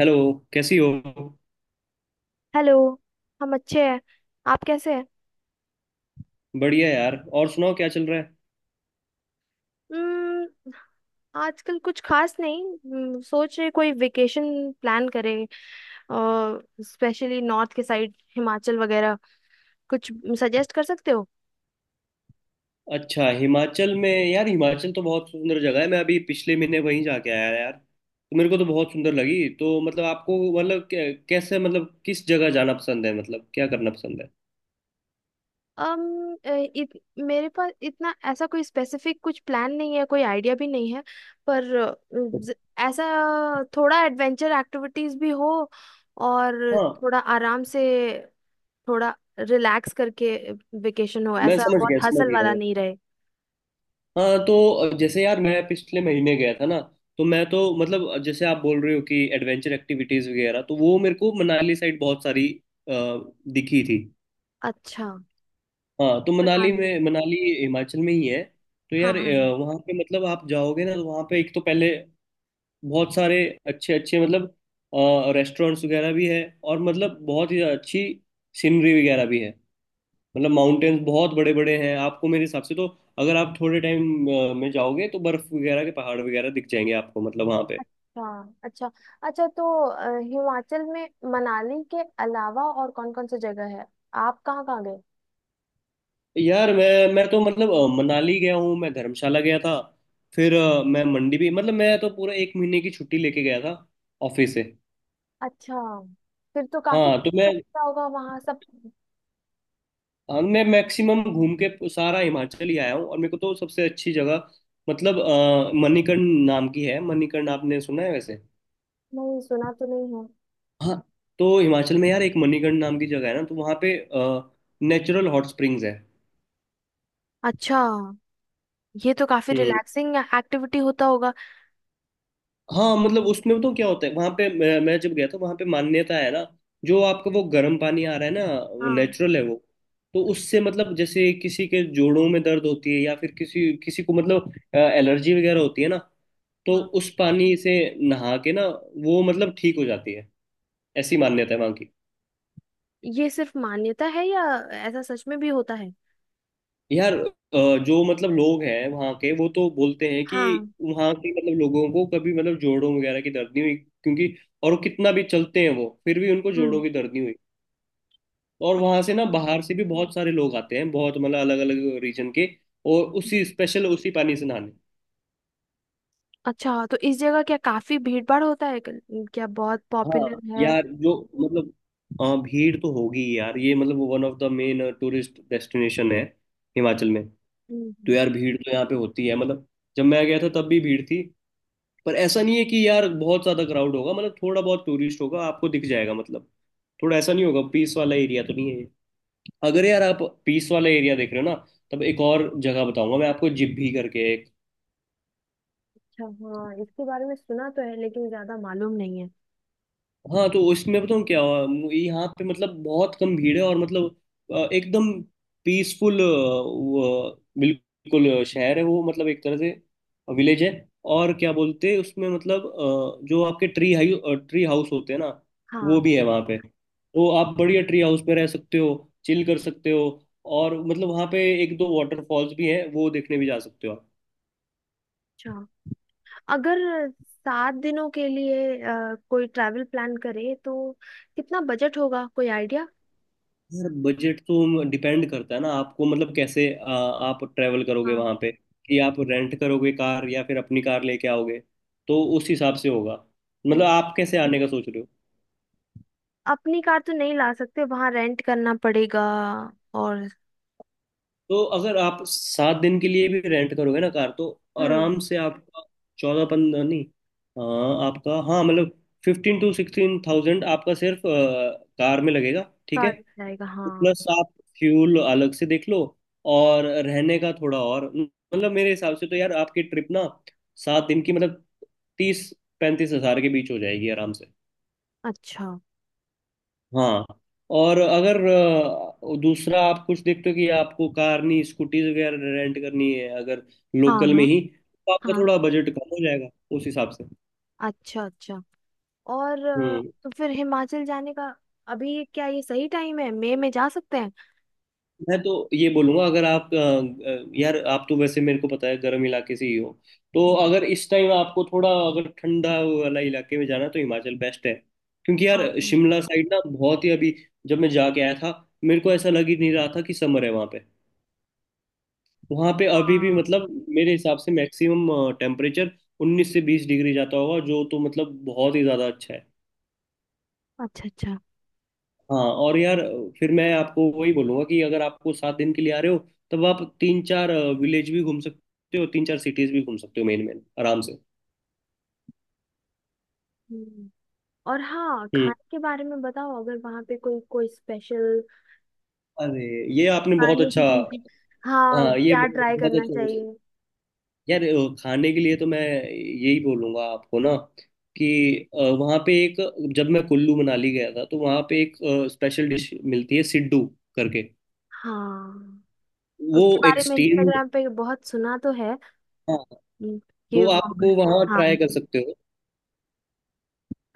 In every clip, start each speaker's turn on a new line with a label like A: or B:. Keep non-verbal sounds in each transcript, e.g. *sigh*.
A: Hello. कैसी हो?
B: Hello. हम अच्छे हैं। आप कैसे हैं?
A: बढ़िया यार। और सुनाओ, क्या चल रहा है?
B: हम्म, आजकल कुछ खास नहीं। सोच रहे कोई वेकेशन प्लान करें। स्पेशली नॉर्थ के साइड हिमाचल वगैरह कुछ सजेस्ट कर सकते हो?
A: अच्छा, हिमाचल में? यार, हिमाचल तो बहुत सुंदर जगह है। मैं अभी पिछले महीने वहीं जाके आया यार, तो मेरे को तो बहुत सुंदर लगी। तो मतलब आपको मतलब कैसे, मतलब किस जगह जाना पसंद है, मतलब क्या करना पसंद है?
B: अम अ, इत, मेरे पास इतना ऐसा कोई स्पेसिफिक कुछ प्लान नहीं है। कोई आइडिया भी नहीं है। पर ऐसा, थोड़ा एडवेंचर एक्टिविटीज भी हो, और
A: हाँ।
B: थोड़ा आराम से, थोड़ा रिलैक्स करके वेकेशन हो,
A: मैं
B: ऐसा
A: समझ गया,
B: बहुत
A: समझ
B: हसल वाला
A: गया।
B: नहीं रहे।
A: हाँ, तो जैसे यार मैं पिछले महीने गया था ना, तो मैं तो मतलब जैसे आप बोल रहे हो कि एडवेंचर एक्टिविटीज वगैरह, तो वो मेरे को मनाली साइड बहुत सारी अ, दिखी थी।
B: अच्छा।
A: हाँ, तो मनाली
B: मनाली।
A: में। मनाली हिमाचल में ही है। तो
B: हाँ
A: यार
B: हाँ हाँ।
A: वहाँ पे मतलब आप जाओगे ना, तो वहाँ पे एक तो पहले बहुत सारे अच्छे अच्छे मतलब रेस्टोरेंट्स वगैरह भी है, और मतलब बहुत ही अच्छी सीनरी वगैरह भी है। मतलब माउंटेन्स बहुत बड़े बड़े हैं आपको मेरे हिसाब से तो। अगर आप थोड़े टाइम में जाओगे तो बर्फ वगैरह के पहाड़ वगैरह दिख जाएंगे आपको, मतलब वहाँ पे।
B: अच्छा अच्छा। अच्छा, तो हिमाचल में मनाली के अलावा और कौन कौन सी जगह है? आप कहाँ कहाँ गए?
A: यार मैं तो मतलब मनाली गया हूँ, मैं धर्मशाला गया था, फिर मैं मंडी भी, मतलब मैं तो पूरा एक महीने की छुट्टी लेके गया था ऑफिस से।
B: अच्छा। फिर तो काफी
A: हाँ।
B: कुछ
A: तो मैं
B: अच्छा होगा वहां सब।
A: हाँ, मैं मैक्सिमम घूम के सारा हिमाचल ही आया हूँ, और मेरे को तो सबसे अच्छी जगह मतलब मणिकर्ण नाम की है। मणिकर्ण आपने सुना है वैसे?
B: नहीं, सुना तो नहीं है।
A: हाँ, तो हिमाचल में यार एक मणिकर्ण नाम की जगह है ना, तो वहाँ पे नेचुरल हॉट स्प्रिंग्स है।
B: अच्छा। ये तो काफी
A: हम्म।
B: रिलैक्सिंग एक्टिविटी होता होगा।
A: हाँ, मतलब उसमें बताऊँ क्या होता है वहां पे। मैं जब गया था वहां पे, मान्यता है ना। जो आपका वो गर्म पानी आ रहा है ना,
B: हाँ।
A: नेचुरल है वो। तो उससे मतलब जैसे किसी के जोड़ों में दर्द होती है या फिर किसी किसी को मतलब एलर्जी वगैरह होती है ना, तो
B: हाँ,
A: उस पानी से नहा के ना वो मतलब ठीक हो जाती है। ऐसी मान्यता है वहां की।
B: ये सिर्फ मान्यता है, या ऐसा सच में भी होता है?
A: यार जो मतलब लोग हैं वहां के, वो तो बोलते हैं कि
B: हाँ।
A: वहां के मतलब लोगों को कभी मतलब जोड़ों वगैरह की दर्द नहीं हुई, क्योंकि और वो कितना भी चलते हैं वो फिर भी उनको
B: हम्म।
A: जोड़ों की दर्द नहीं हुई। और वहां से
B: अच्छा।
A: ना
B: हम्म।
A: बाहर से भी बहुत सारे लोग आते हैं, बहुत मतलब अलग अलग रीजन के, और उसी
B: हम्म।
A: स्पेशल उसी पानी से नहाने।
B: अच्छा, तो इस जगह क्या काफी भीड़ भाड़ होता है, क्या बहुत पॉपुलर
A: हाँ,
B: है?
A: यार जो मतलब हाँ, भीड़ तो होगी ही यार, ये मतलब one of the main tourist destination है हिमाचल में। तो
B: हम्म।
A: यार भीड़ तो यहाँ पे होती है, मतलब जब मैं गया था तब भी भीड़ थी। पर ऐसा नहीं है कि यार बहुत ज्यादा क्राउड होगा, मतलब थोड़ा बहुत टूरिस्ट होगा आपको दिख जाएगा, मतलब थोड़ा ऐसा नहीं होगा, पीस वाला एरिया तो नहीं है ये। अगर यार आप पीस वाला एरिया देख रहे हो ना, तब एक और जगह बताऊंगा मैं आपको, जिब्भी करके।
B: अच्छा, हाँ, इसके बारे में सुना तो है लेकिन ज्यादा मालूम नहीं है।
A: हाँ, तो इसमें बताऊँ क्या हुआ? यहाँ पे मतलब बहुत कम भीड़ है, और मतलब एकदम पीसफुल बिल्कुल, शहर है वो मतलब एक तरह से विलेज है। और क्या बोलते हैं उसमें, मतलब जो आपके ट्री हाउस होते हैं ना, वो
B: हाँ।
A: भी है वहाँ पे। तो आप बढ़िया ट्री हाउस पे रह सकते हो, चिल कर सकते हो। और मतलब वहाँ पे एक दो वाटरफॉल्स भी हैं, वो देखने भी जा सकते हो आप।
B: अच्छा, अगर 7 दिनों के लिए कोई ट्रैवल प्लान करे, तो कितना बजट होगा? कोई आइडिया?
A: यार बजट तो डिपेंड करता है ना, आपको मतलब कैसे आप ट्रेवल करोगे
B: हाँ,
A: वहां पे, कि आप रेंट करोगे कार या फिर अपनी कार लेके आओगे। तो उस हिसाब से होगा। मतलब आप कैसे आने का सोच रहे हो?
B: अपनी कार तो नहीं ला सकते, वहां रेंट करना पड़ेगा। और,
A: तो अगर आप 7 दिन के लिए भी रेंट करोगे ना कार, तो
B: हम्म,
A: आराम से आपका 14-15 — नहीं, हाँ, आपका, हाँ, मतलब 15,000-16,000 आपका सिर्फ कार में लगेगा, ठीक है।
B: कार जाएगा, हाँ।
A: प्लस आप फ्यूल अलग से देख लो, और रहने का थोड़ा, और मतलब मेरे हिसाब से तो यार आपकी ट्रिप ना 7 दिन की मतलब 30-35 हज़ार के बीच हो जाएगी आराम से।
B: अच्छा।
A: हाँ। और अगर दूसरा आप कुछ देखते हो कि आपको कार नहीं स्कूटीज वगैरह रेंट करनी है, अगर
B: हाँ
A: लोकल में
B: हाँ
A: ही, तो आपका
B: हाँ।
A: थोड़ा बजट कम हो जाएगा उस हिसाब से।
B: अच्छा अच्छा। और
A: हम्म।
B: तो फिर हिमाचल जाने का अभी क्या ये सही टाइम है? मई में जा सकते हैं?
A: मैं तो ये बोलूंगा, अगर आप यार आप तो वैसे मेरे को पता है गर्म इलाके से ही हो, तो अगर इस टाइम आपको थोड़ा, अगर ठंडा वाला इलाके में जाना है, तो हिमाचल बेस्ट है। क्योंकि
B: हाँ
A: यार
B: हाँ
A: शिमला साइड ना बहुत ही — अभी जब मैं जाके आया था, मेरे को ऐसा लग ही नहीं रहा था कि समर है वहां पे। वहां पे अभी भी
B: हाँ,
A: मतलब मेरे हिसाब से मैक्सिमम टेम्परेचर 19 से 20 डिग्री जाता होगा जो, तो मतलब बहुत ही ज्यादा अच्छा है।
B: अच्छा अच्छा।
A: हाँ, और यार, फिर मैं आपको वही बोलूंगा, कि अगर आपको 7 दिन के लिए आ रहे हो, तब आप तीन चार विलेज भी घूम सकते हो, तीन चार सिटीज भी घूम सकते हो मेन मेन आराम से।
B: हम्म। और हाँ,
A: हम्म
B: खाने के बारे में बताओ, अगर वहाँ पे कोई कोई स्पेशल
A: अरे, ये आपने बहुत
B: खाने
A: अच्छा —
B: की चीज। हाँ,
A: हाँ, ये
B: क्या
A: बहुत
B: ट्राई
A: बहुत
B: करना
A: अच्छा बोला।
B: चाहिए?
A: यार खाने के लिए तो मैं यही बोलूंगा आपको ना, कि वहाँ पे एक, जब मैं कुल्लू मनाली गया था तो वहाँ पे एक स्पेशल डिश मिलती है, सिड्डू करके।
B: हाँ,
A: वो
B: उसके
A: एक
B: बारे में
A: स्टीम्ड।
B: इंस्टाग्राम पे बहुत सुना तो है।
A: हाँ,
B: हम्म, कि
A: तो आप वो
B: वहाँ-
A: वहाँ ट्राई
B: हाँ।
A: कर सकते हो।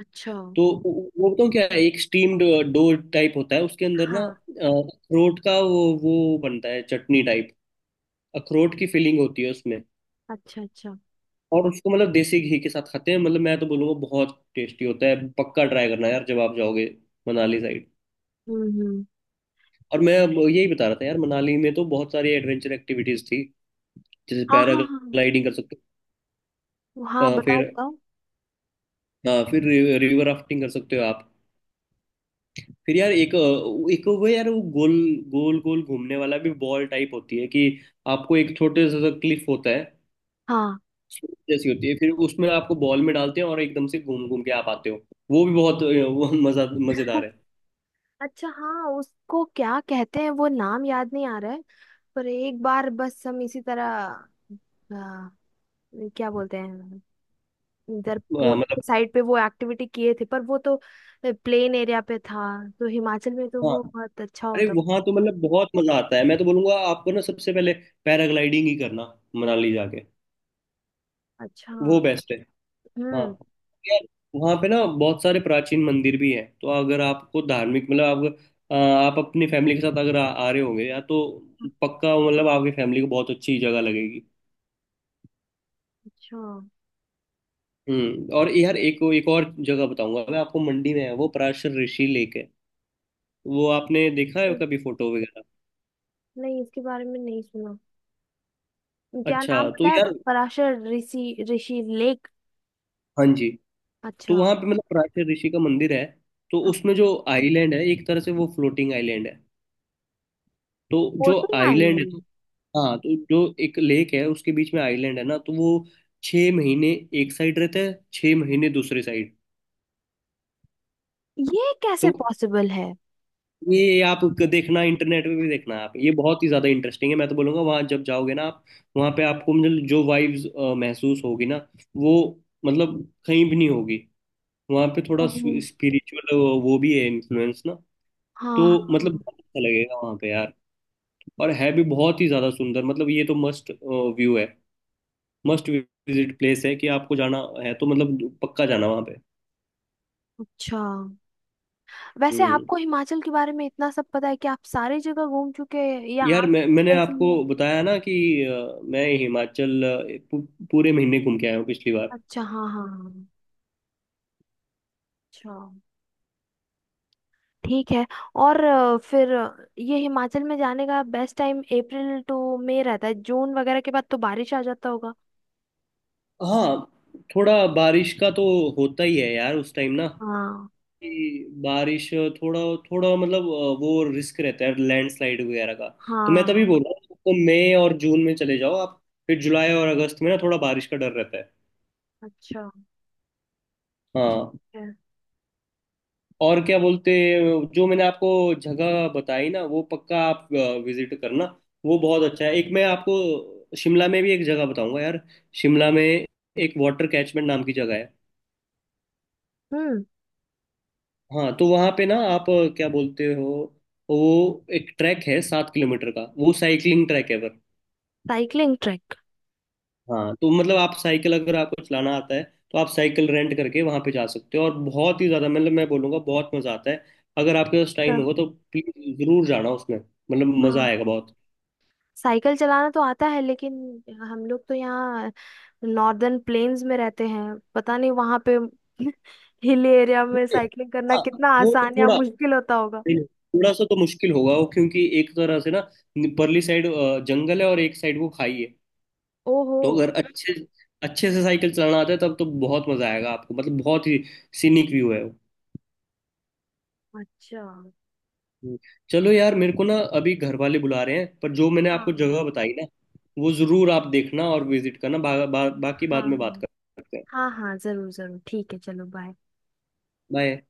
B: अच्छा।
A: तो वो, बताऊँ क्या है? एक स्टीम्ड डो टाइप होता है, उसके अंदर ना
B: हाँ।
A: अखरोट का वो बनता है चटनी टाइप, अखरोट की फीलिंग होती है उसमें।
B: अच्छा अच्छा।
A: और उसको मतलब देसी घी के साथ खाते हैं, मतलब मैं तो बोलूँगा बहुत टेस्टी होता है, पक्का ट्राई करना यार जब आप जाओगे मनाली साइड।
B: हम्म। हम्म।
A: और मैं अब यही बता रहा था यार, मनाली में तो बहुत सारी एडवेंचर एक्टिविटीज थी। जैसे
B: हाँ हाँ हाँ।
A: पैराग्लाइडिंग कर सकते हो,
B: हाँ,
A: अ,
B: बताओ
A: फिर
B: बताओ।
A: अ, फिर रिवर राफ्टिंग कर सकते हो आप। फिर यार एक एक वो, यार वो गोल गोल गोल घूमने वाला भी बॉल टाइप होती है कि, आपको एक छोटे सा क्लिफ होता है
B: हाँ।
A: जैसी होती है, फिर उसमें आपको बॉल में डालते हैं और एकदम से घूम घूम के आप आते हो। वो भी बहुत वो मजा मजेदार है।
B: अच्छा, हाँ, उसको क्या कहते हैं, वो नाम याद नहीं आ रहा है। पर एक बार बस हम इसी तरह, आ, क्या बोलते हैं, इधर पुणे
A: मतलब।
B: के साइड पे वो एक्टिविटी किए थे, पर वो तो प्लेन एरिया पे था, तो हिमाचल में तो
A: हाँ,
B: वो बहुत अच्छा
A: अरे
B: होता था।
A: वहां तो मतलब बहुत मजा आता है, मैं तो बोलूंगा आपको ना, सबसे पहले पैराग्लाइडिंग ही करना मनाली जाके।
B: अच्छा।
A: वो बेस्ट है। हाँ
B: हम्म।
A: यार, वहाँ पे ना बहुत सारे प्राचीन मंदिर भी हैं। तो अगर आपको धार्मिक मतलब, आप आप अपनी फैमिली के साथ अगर आ रहे होंगे या तो, पक्का मतलब आपकी फैमिली को बहुत अच्छी जगह लगेगी।
B: अच्छा।
A: हम्म, और यार एक एक और जगह बताऊंगा मैं आपको, मंडी में है वो, पराशर ऋषि लेक है। वो आपने देखा है
B: ओ,
A: कभी फोटो वगैरह?
B: नहीं, इसके बारे में नहीं सुना। क्या
A: अच्छा
B: नाम,
A: तो
B: पता है?
A: यार,
B: पराशर ऋषि ऋषि लेक?
A: हाँ जी, तो
B: अच्छा।
A: वहाँ पे मतलब पराशर ऋषि का मंदिर है। तो
B: हाँ।
A: उसमें जो आइलैंड है एक तरह से, वो फ्लोटिंग आइलैंड है। तो जो
B: कोटिंग
A: आइलैंड है, तो
B: आइलैंड।
A: हाँ, तो जो एक लेक है उसके बीच में आइलैंड है ना, तो वो 6 महीने एक साइड रहता है, 6 महीने दूसरे साइड।
B: ये कैसे
A: तो
B: पॉसिबल है?
A: ये आप देखना, इंटरनेट पे भी देखना आप, ये बहुत ही ज़्यादा इंटरेस्टिंग है। मैं तो बोलूँगा वहाँ जब जाओगे ना आप, वहाँ पे आपको मतलब जो वाइब्स महसूस होगी ना, वो मतलब कहीं भी नहीं होगी। वहाँ पे थोड़ा
B: ओहो।
A: स्पिरिचुअल वो भी है इन्फ्लुएंस ना।
B: हाँ
A: तो मतलब
B: हाँ।
A: बहुत अच्छा लगेगा वहाँ पे यार, और है भी बहुत ही ज़्यादा सुंदर। मतलब ये तो मस्ट व्यू है, मस्ट विजिट प्लेस है, कि आपको जाना है तो मतलब पक्का जाना वहाँ पे।
B: अच्छा, वैसे
A: हम्म।
B: आपको हिमाचल के बारे में इतना सब पता है, कि आप सारी जगह घूम चुके हैं, या
A: यार,
B: आप
A: मैंने
B: हिमाचल से ही
A: आपको
B: हैं?
A: बताया ना कि मैं हिमाचल पूरे महीने घूम के आया हूँ पिछली बार।
B: अच्छा, हाँ हाँ हाँ। अच्छा। ठीक है। और फिर ये हिमाचल में जाने का best time April to May रहता है? जून वगैरह के बाद तो बारिश आ जाता होगा।
A: हाँ, थोड़ा बारिश का तो होता ही है यार उस टाइम ना,
B: हाँ
A: कि बारिश थोड़ा थोड़ा मतलब, वो रिस्क रहता है लैंडस्लाइड वगैरह का। तो मैं तभी
B: हाँ।
A: बोल रहा हूँ, तो मई और जून में चले जाओ आप। फिर जुलाई और अगस्त में ना थोड़ा बारिश का डर रहता है।
B: अच्छा।
A: हाँ।
B: ठीक है।
A: और क्या बोलते, जो मैंने आपको जगह बताई ना, वो पक्का आप विजिट करना, वो बहुत अच्छा है। एक मैं आपको शिमला में भी एक जगह बताऊंगा यार। शिमला में एक वाटर कैचमेंट नाम की जगह है।
B: हम्म।
A: हाँ, तो वहाँ पे ना आप क्या बोलते हो, वो एक ट्रैक है 7 किलोमीटर का, वो साइकिलिंग ट्रैक है, पर
B: साइकिलिंग ट्रैक?
A: हाँ, तो मतलब आप साइकिल अगर आपको चलाना आता है, तो आप साइकिल रेंट करके वहाँ पे जा सकते हो, और बहुत ही ज़्यादा मतलब मैं बोलूँगा बहुत मज़ा आता है अगर आपके पास टाइम
B: हाँ
A: होगा तो। प्लीज़ ज़रूर जाना उसमें, मतलब
B: हाँ
A: मज़ा आएगा
B: हाँ।
A: बहुत।
B: साइकिल चलाना तो आता है, लेकिन हम लोग तो यहाँ नॉर्दर्न प्लेन्स में रहते हैं, पता नहीं वहां पे *laughs* हिल एरिया में साइकिलिंग करना
A: हाँ,
B: कितना
A: वो तो
B: आसान या
A: थोड़ा —
B: मुश्किल होता होगा।
A: नहीं, नहीं, थोड़ा सा तो मुश्किल होगा वो, क्योंकि एक तरह से ना, परली साइड जंगल है और एक साइड वो खाई है।
B: ओहो।
A: तो अगर अच्छे अच्छे से साइकिल चलाना आता है तब तो बहुत मजा आएगा आपको, मतलब बहुत ही सीनिक व्यू है वो।
B: अच्छा। हाँ
A: हम्म। चलो यार, मेरे को ना अभी घर वाले बुला रहे हैं, पर जो मैंने आपको जगह बताई ना, वो जरूर आप देखना और विजिट करना, बा, बा, बाकी बाद
B: हाँ
A: में
B: हाँ।
A: बात करते हैं।
B: हाँ हाँ, जरूर जरूर। ठीक है, चलो, बाय।
A: बाय।